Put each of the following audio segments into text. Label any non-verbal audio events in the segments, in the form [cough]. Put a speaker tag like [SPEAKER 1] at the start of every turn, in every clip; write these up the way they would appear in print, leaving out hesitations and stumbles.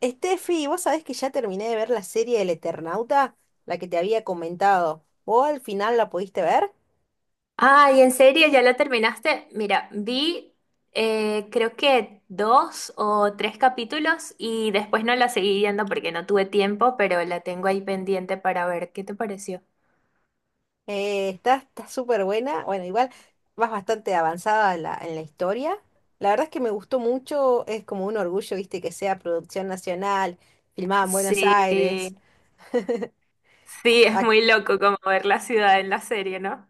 [SPEAKER 1] Estefi, vos sabés que ya terminé de ver la serie del Eternauta, la que te había comentado. ¿Vos al final la pudiste ver?
[SPEAKER 2] Ay, ¿en serio? ¿Ya la terminaste? Mira, vi creo que dos o tres capítulos y después no la seguí viendo porque no tuve tiempo, pero la tengo ahí pendiente para ver qué te pareció.
[SPEAKER 1] Está súper buena. Bueno, igual vas bastante avanzada en la historia. La verdad es que me gustó mucho, es como un orgullo, viste, que sea producción nacional, filmada en Buenos
[SPEAKER 2] Sí,
[SPEAKER 1] Aires.
[SPEAKER 2] sí, es muy loco como ver la ciudad en la serie, ¿no?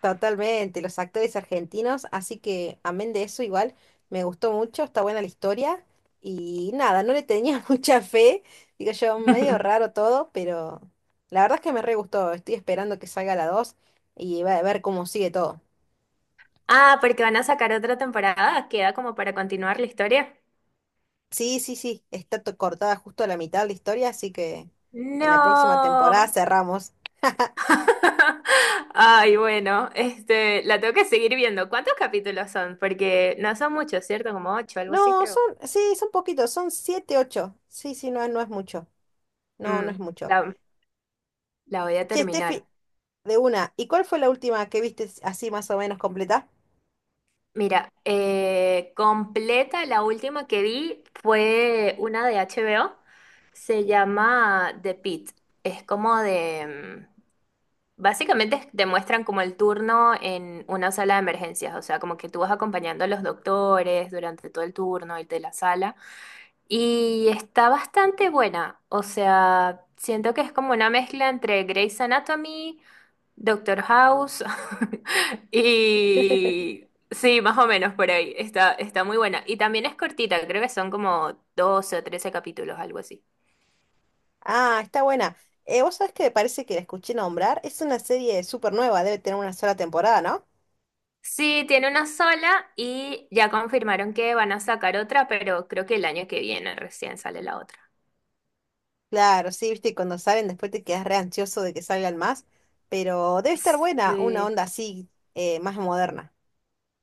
[SPEAKER 1] Totalmente, los actores argentinos, así que amén de eso igual, me gustó mucho, está buena la historia y nada, no le tenía [laughs] mucha fe, digo yo, medio
[SPEAKER 2] [laughs]
[SPEAKER 1] raro todo, pero la verdad es que me re gustó, estoy esperando que salga la 2 y va a ver cómo sigue todo.
[SPEAKER 2] Ah, porque van a sacar otra temporada, queda como para continuar la historia.
[SPEAKER 1] Sí, sí, sí, está cortada justo a la mitad de la historia, así que en la próxima temporada
[SPEAKER 2] No.
[SPEAKER 1] cerramos. [laughs]
[SPEAKER 2] [laughs] Ay, bueno, la tengo que seguir viendo. ¿Cuántos capítulos son? Porque no son muchos, ¿cierto? Como ocho, algo así,
[SPEAKER 1] No, son,
[SPEAKER 2] creo.
[SPEAKER 1] sí, son poquitos, son siete, ocho. Sí, sí, no, no es mucho. No, no
[SPEAKER 2] Mm,
[SPEAKER 1] es mucho.
[SPEAKER 2] la, la voy a
[SPEAKER 1] Che,
[SPEAKER 2] terminar.
[SPEAKER 1] Steffi, de una. ¿Y cuál fue la última que viste así más o menos completa?
[SPEAKER 2] Mira, completa, la última que vi fue una de HBO. Se llama The Pit. Es como de... básicamente te muestran como el turno en una sala de emergencias, o sea, como que tú vas acompañando a los doctores durante todo el turno y de la sala. Y está bastante buena, o sea, siento que es como una mezcla entre Grey's Anatomy, Doctor House [laughs] y... Sí, más o menos por ahí, está muy buena. Y también es cortita, creo que son como 12 o 13 capítulos, algo así.
[SPEAKER 1] Ah, está buena. Vos sabés que me parece que la escuché nombrar. Es una serie súper nueva, debe tener una sola temporada, ¿no?
[SPEAKER 2] Sí, tiene una sola y ya confirmaron que van a sacar otra, pero creo que el año que viene recién sale la otra.
[SPEAKER 1] Claro, sí, viste, y cuando salen después te quedas re ansioso de que salgan más, pero debe estar buena una
[SPEAKER 2] Sí.
[SPEAKER 1] onda así, más moderna.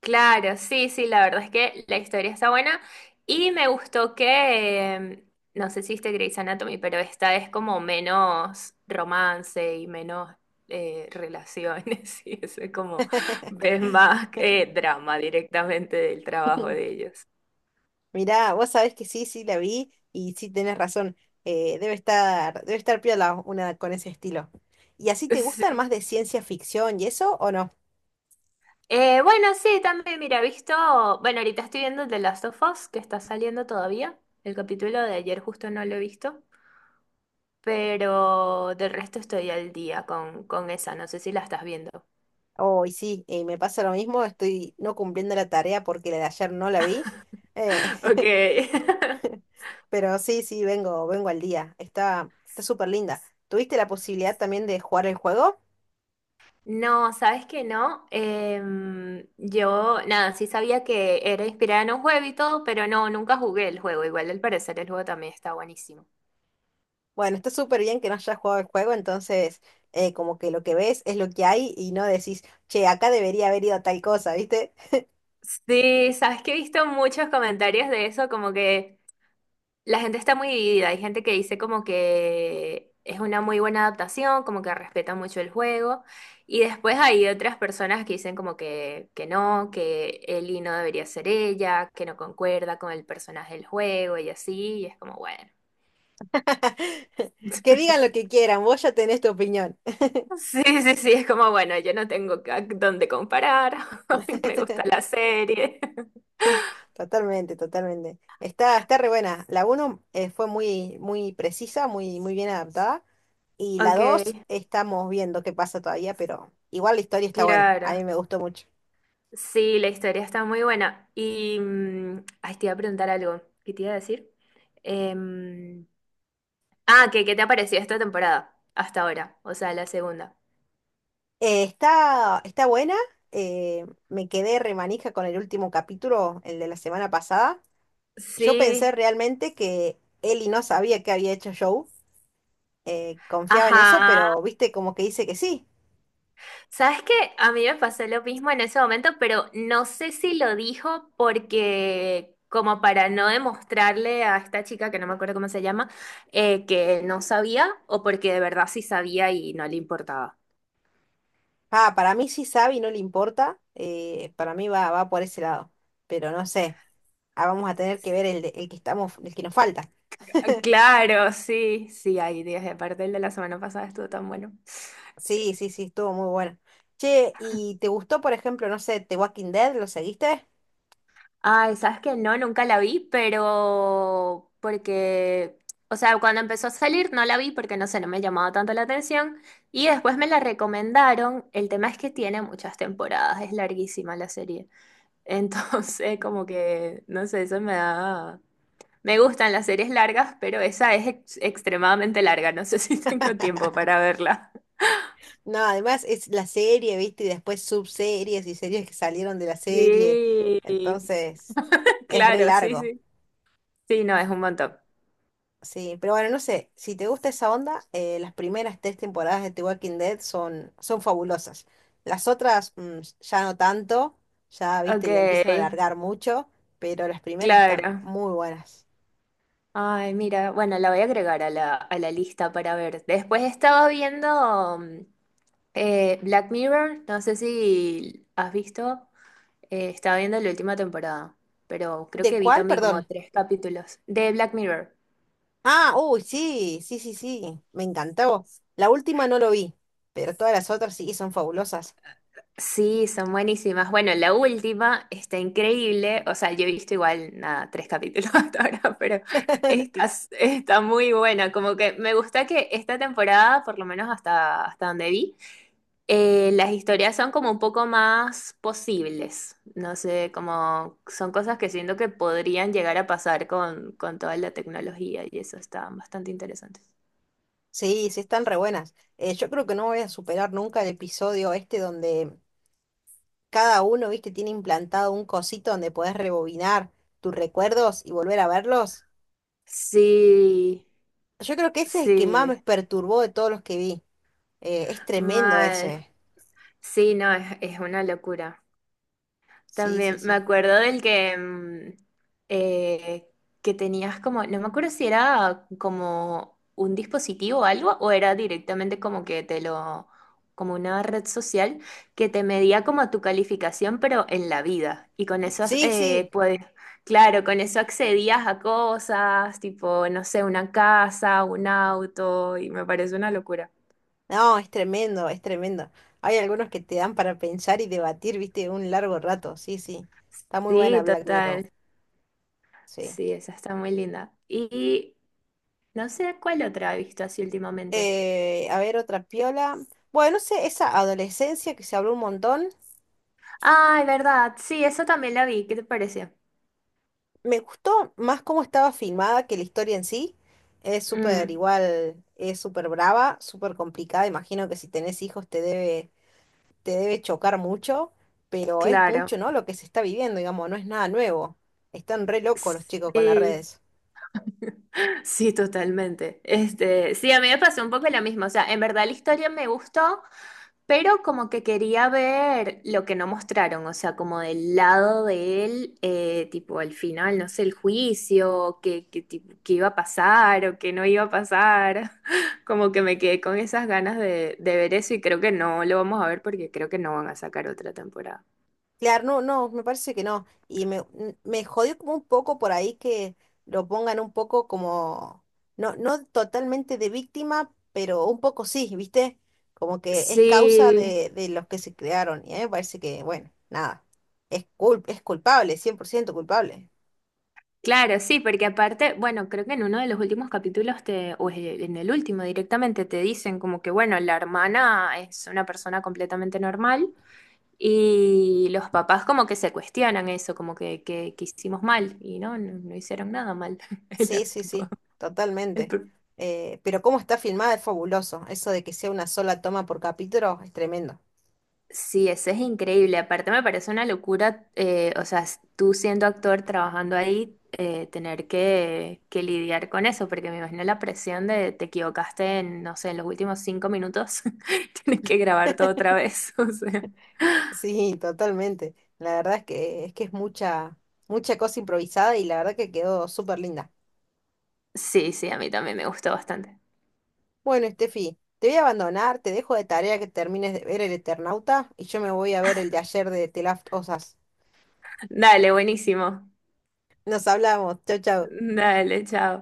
[SPEAKER 2] Claro, sí, sí, la verdad es que la historia está buena y me gustó que, no sé si viste Grey's Anatomy, pero esta es como menos romance y menos relaciones [laughs] y eso es como,
[SPEAKER 1] [laughs]
[SPEAKER 2] ves más drama directamente del trabajo de ellos. [laughs]
[SPEAKER 1] Mirá, vos sabés que sí, sí la vi y sí tenés razón. Debe estar piola una con ese estilo. ¿Y así te gustan
[SPEAKER 2] Sí.
[SPEAKER 1] más de ciencia ficción y eso o no?
[SPEAKER 2] Bueno, sí, también, mira, bueno, ahorita estoy viendo The Last of Us, que está saliendo todavía, el capítulo de ayer justo no lo he visto. Pero del resto estoy al día con esa, no sé si la estás viendo.
[SPEAKER 1] Oh, y sí, y me pasa lo mismo, estoy no cumpliendo la tarea porque la de ayer no la vi, eh,
[SPEAKER 2] Ok.
[SPEAKER 1] [laughs]
[SPEAKER 2] [laughs]
[SPEAKER 1] pero sí, sí, vengo al día, está súper linda. ¿Tuviste la posibilidad también de jugar el juego?
[SPEAKER 2] No, ¿sabes que no? Yo, nada, sí sabía que era inspirada en un juego y todo, pero no, nunca jugué el juego. Igual al parecer el juego también está buenísimo.
[SPEAKER 1] Bueno, está súper bien que no hayas jugado el juego, entonces como que lo que ves es lo que hay y no decís, che, acá debería haber ido tal cosa, ¿viste?
[SPEAKER 2] Sí, sabes que he visto muchos comentarios de eso, como que la gente está muy dividida. Hay gente que dice como que es una muy buena adaptación, como que respeta mucho el juego. Y después hay otras personas que dicen como que no, que Ellie no debería ser ella, que no concuerda con el personaje del juego y así. Y es como, bueno.
[SPEAKER 1] [laughs] Que
[SPEAKER 2] [laughs]
[SPEAKER 1] digan lo que quieran, vos ya tenés tu opinión.
[SPEAKER 2] Sí, sí, sí, es como, bueno, yo no tengo ca- dónde comparar. [laughs] Me gusta
[SPEAKER 1] [laughs]
[SPEAKER 2] la serie. [laughs]
[SPEAKER 1] Totalmente, totalmente. Está, está re buena. La 1 fue muy, muy precisa, muy, muy bien adaptada. Y la
[SPEAKER 2] Ok,
[SPEAKER 1] 2 estamos viendo qué pasa todavía, pero igual la historia está buena. A
[SPEAKER 2] claro.
[SPEAKER 1] mí me gustó mucho.
[SPEAKER 2] Sí, la historia está muy buena. Y, mm, ay, te iba a preguntar algo. ¿Qué te iba a decir? Em, ah, ¿qué te ha parecido esta temporada hasta ahora? O sea, la segunda.
[SPEAKER 1] Está buena. Me quedé remanija con el último capítulo, el de la semana pasada. Yo
[SPEAKER 2] Sí,
[SPEAKER 1] pensé realmente que Ellie no sabía que había hecho Joe. Confiaba en eso,
[SPEAKER 2] ajá.
[SPEAKER 1] pero viste como que dice que sí.
[SPEAKER 2] ¿Sabes qué? A mí me pasó lo mismo en ese momento, pero no sé si lo dijo porque, como para no demostrarle a esta chica, que no me acuerdo cómo se llama, que no sabía o porque de verdad sí sabía y no le importaba.
[SPEAKER 1] Ah, para mí sí sabe y no le importa. Va por ese lado. Pero no sé. Ah, vamos a tener que ver el que estamos, el que nos falta. [laughs]
[SPEAKER 2] Claro, sí, sí, hay días. Y aparte el de la semana pasada estuvo tan bueno.
[SPEAKER 1] Sí, sí, sí, estuvo muy bueno. Che, ¿y te gustó, por ejemplo, no sé, The Walking Dead? ¿Lo seguiste?
[SPEAKER 2] Ay, sabes que no, nunca la vi, pero porque, o sea, cuando empezó a salir no la vi porque no sé, no me llamaba tanto la atención. Y después me la recomendaron. El tema es que tiene muchas temporadas, es larguísima la serie. Entonces, [laughs] como que, no sé, eso me da... Me gustan las series largas, pero esa es ex- extremadamente larga. No sé [laughs] si tengo tiempo para verla.
[SPEAKER 1] No, además es la serie, ¿viste? Y después subseries y series que salieron de la serie.
[SPEAKER 2] Sí,
[SPEAKER 1] Entonces, es re
[SPEAKER 2] claro, sí,
[SPEAKER 1] largo.
[SPEAKER 2] sí. Sí, no, es un montón.
[SPEAKER 1] Sí, pero bueno, no sé, si te gusta esa onda, las primeras tres temporadas de The Walking Dead son, son fabulosas. Las otras ya no tanto, ya,
[SPEAKER 2] Ok,
[SPEAKER 1] viste, le empiezan a alargar mucho, pero las primeras están
[SPEAKER 2] claro.
[SPEAKER 1] muy buenas.
[SPEAKER 2] Ay, mira, bueno, la voy a agregar a a la lista para ver. Después estaba viendo Black Mirror, no sé si has visto. Estaba viendo la última temporada, pero creo
[SPEAKER 1] ¿De
[SPEAKER 2] que vi
[SPEAKER 1] cuál?
[SPEAKER 2] también como
[SPEAKER 1] Perdón.
[SPEAKER 2] tres capítulos de Black Mirror.
[SPEAKER 1] Ah, uy, sí, sí, sí, sí, me encantó. La última no lo vi, pero todas las otras sí son fabulosas.
[SPEAKER 2] Sí, son buenísimas. Bueno, la última está increíble. O sea, yo he visto igual, nada, tres capítulos [laughs] hasta ahora, pero
[SPEAKER 1] [laughs]
[SPEAKER 2] está, está muy buena. Como que me gusta que esta temporada, por lo menos hasta donde vi, las historias son como un poco más posibles. No sé, como son cosas que siento que podrían llegar a pasar con toda la tecnología y eso está bastante interesante.
[SPEAKER 1] Sí, sí están re buenas. Yo creo que no voy a superar nunca el episodio este donde cada uno, viste, tiene implantado un cosito donde podés rebobinar tus recuerdos y volver a verlos.
[SPEAKER 2] Sí,
[SPEAKER 1] Yo creo que ese es el que más
[SPEAKER 2] sí,
[SPEAKER 1] me perturbó de todos los que vi. Es tremendo
[SPEAKER 2] mal.
[SPEAKER 1] ese.
[SPEAKER 2] Sí, no, es una locura.
[SPEAKER 1] Sí, sí,
[SPEAKER 2] También me
[SPEAKER 1] sí.
[SPEAKER 2] acuerdo del que, eh, que tenías como, no me acuerdo si era como un dispositivo o algo, o era directamente como que te lo, como una red social que te medía como tu calificación, pero en la vida. Y con eso,
[SPEAKER 1] Sí, sí.
[SPEAKER 2] pues, claro, con eso accedías a cosas, tipo, no sé, una casa, un auto, y me parece una locura.
[SPEAKER 1] No, es tremendo, es tremendo. Hay algunos que te dan para pensar y debatir, viste, un largo rato. Sí, sí. Está muy buena
[SPEAKER 2] Sí,
[SPEAKER 1] Black Mirror.
[SPEAKER 2] total.
[SPEAKER 1] Sí.
[SPEAKER 2] Sí, esa está muy linda. Y no sé cuál otra he visto así últimamente.
[SPEAKER 1] A ver, otra piola. Bueno, no sé, esa adolescencia que se habló un montón.
[SPEAKER 2] Ay, verdad. Sí, eso también la vi. ¿Qué te pareció?
[SPEAKER 1] Me gustó más cómo estaba filmada que la historia en sí. Es súper
[SPEAKER 2] Mm,
[SPEAKER 1] igual, es súper brava, súper complicada. Imagino que si tenés hijos te debe chocar mucho, pero es
[SPEAKER 2] claro.
[SPEAKER 1] mucho, ¿no? Lo que se está viviendo, digamos, no es nada nuevo. Están re locos los chicos con las
[SPEAKER 2] Sí.
[SPEAKER 1] redes.
[SPEAKER 2] [laughs] Sí, totalmente. Este, sí, a mí me pasó un poco lo mismo. O sea, en verdad la historia me gustó, pero como que quería ver lo que no mostraron, o sea, como del lado de él, tipo al final, no sé, el juicio, qué iba a pasar o qué no iba a pasar. [laughs] Como que me quedé con esas ganas de ver eso y creo que no lo vamos a ver porque creo que no van a sacar otra temporada.
[SPEAKER 1] Claro, no, no, me parece que no. Me jodió como un poco por ahí que lo pongan un poco como, no, no totalmente de víctima, pero un poco sí, ¿viste? Como que es causa
[SPEAKER 2] Sí,
[SPEAKER 1] de los que se crearon. Y a mí me parece que, bueno, nada, es culpable, 100% culpable.
[SPEAKER 2] claro, sí, porque aparte, bueno, creo que en uno de los últimos capítulos en el último directamente te dicen como que, bueno, la hermana es una persona completamente normal. Y los papás como que se cuestionan eso, como que hicimos mal y no, no, no hicieron nada mal. [laughs] El-
[SPEAKER 1] Sí, sí,
[SPEAKER 2] tipo,
[SPEAKER 1] sí,
[SPEAKER 2] el
[SPEAKER 1] totalmente.
[SPEAKER 2] pro-
[SPEAKER 1] Pero cómo está filmada es fabuloso. Eso de que sea una sola toma por capítulo es tremendo.
[SPEAKER 2] Sí, eso es increíble. Aparte me parece una locura, o sea, s- tú siendo actor trabajando ahí, tener que lidiar con eso, porque me imagino la presión de te equivocaste en, no sé, en los últimos 5 minutos, [laughs] tienes que grabar todo
[SPEAKER 1] [laughs]
[SPEAKER 2] otra vez. [laughs] O sea,
[SPEAKER 1] Sí, totalmente. La verdad es que es mucha, mucha cosa improvisada y la verdad que quedó súper linda.
[SPEAKER 2] sí, sí, a mí también me gustó bastante.
[SPEAKER 1] Bueno, Estefi, te voy a abandonar, te dejo de tarea que termines de ver el Eternauta y yo me voy a ver el de ayer de The Last of Us.
[SPEAKER 2] Dale, buenísimo.
[SPEAKER 1] Nos hablamos, chau, chau.
[SPEAKER 2] Dale, chao.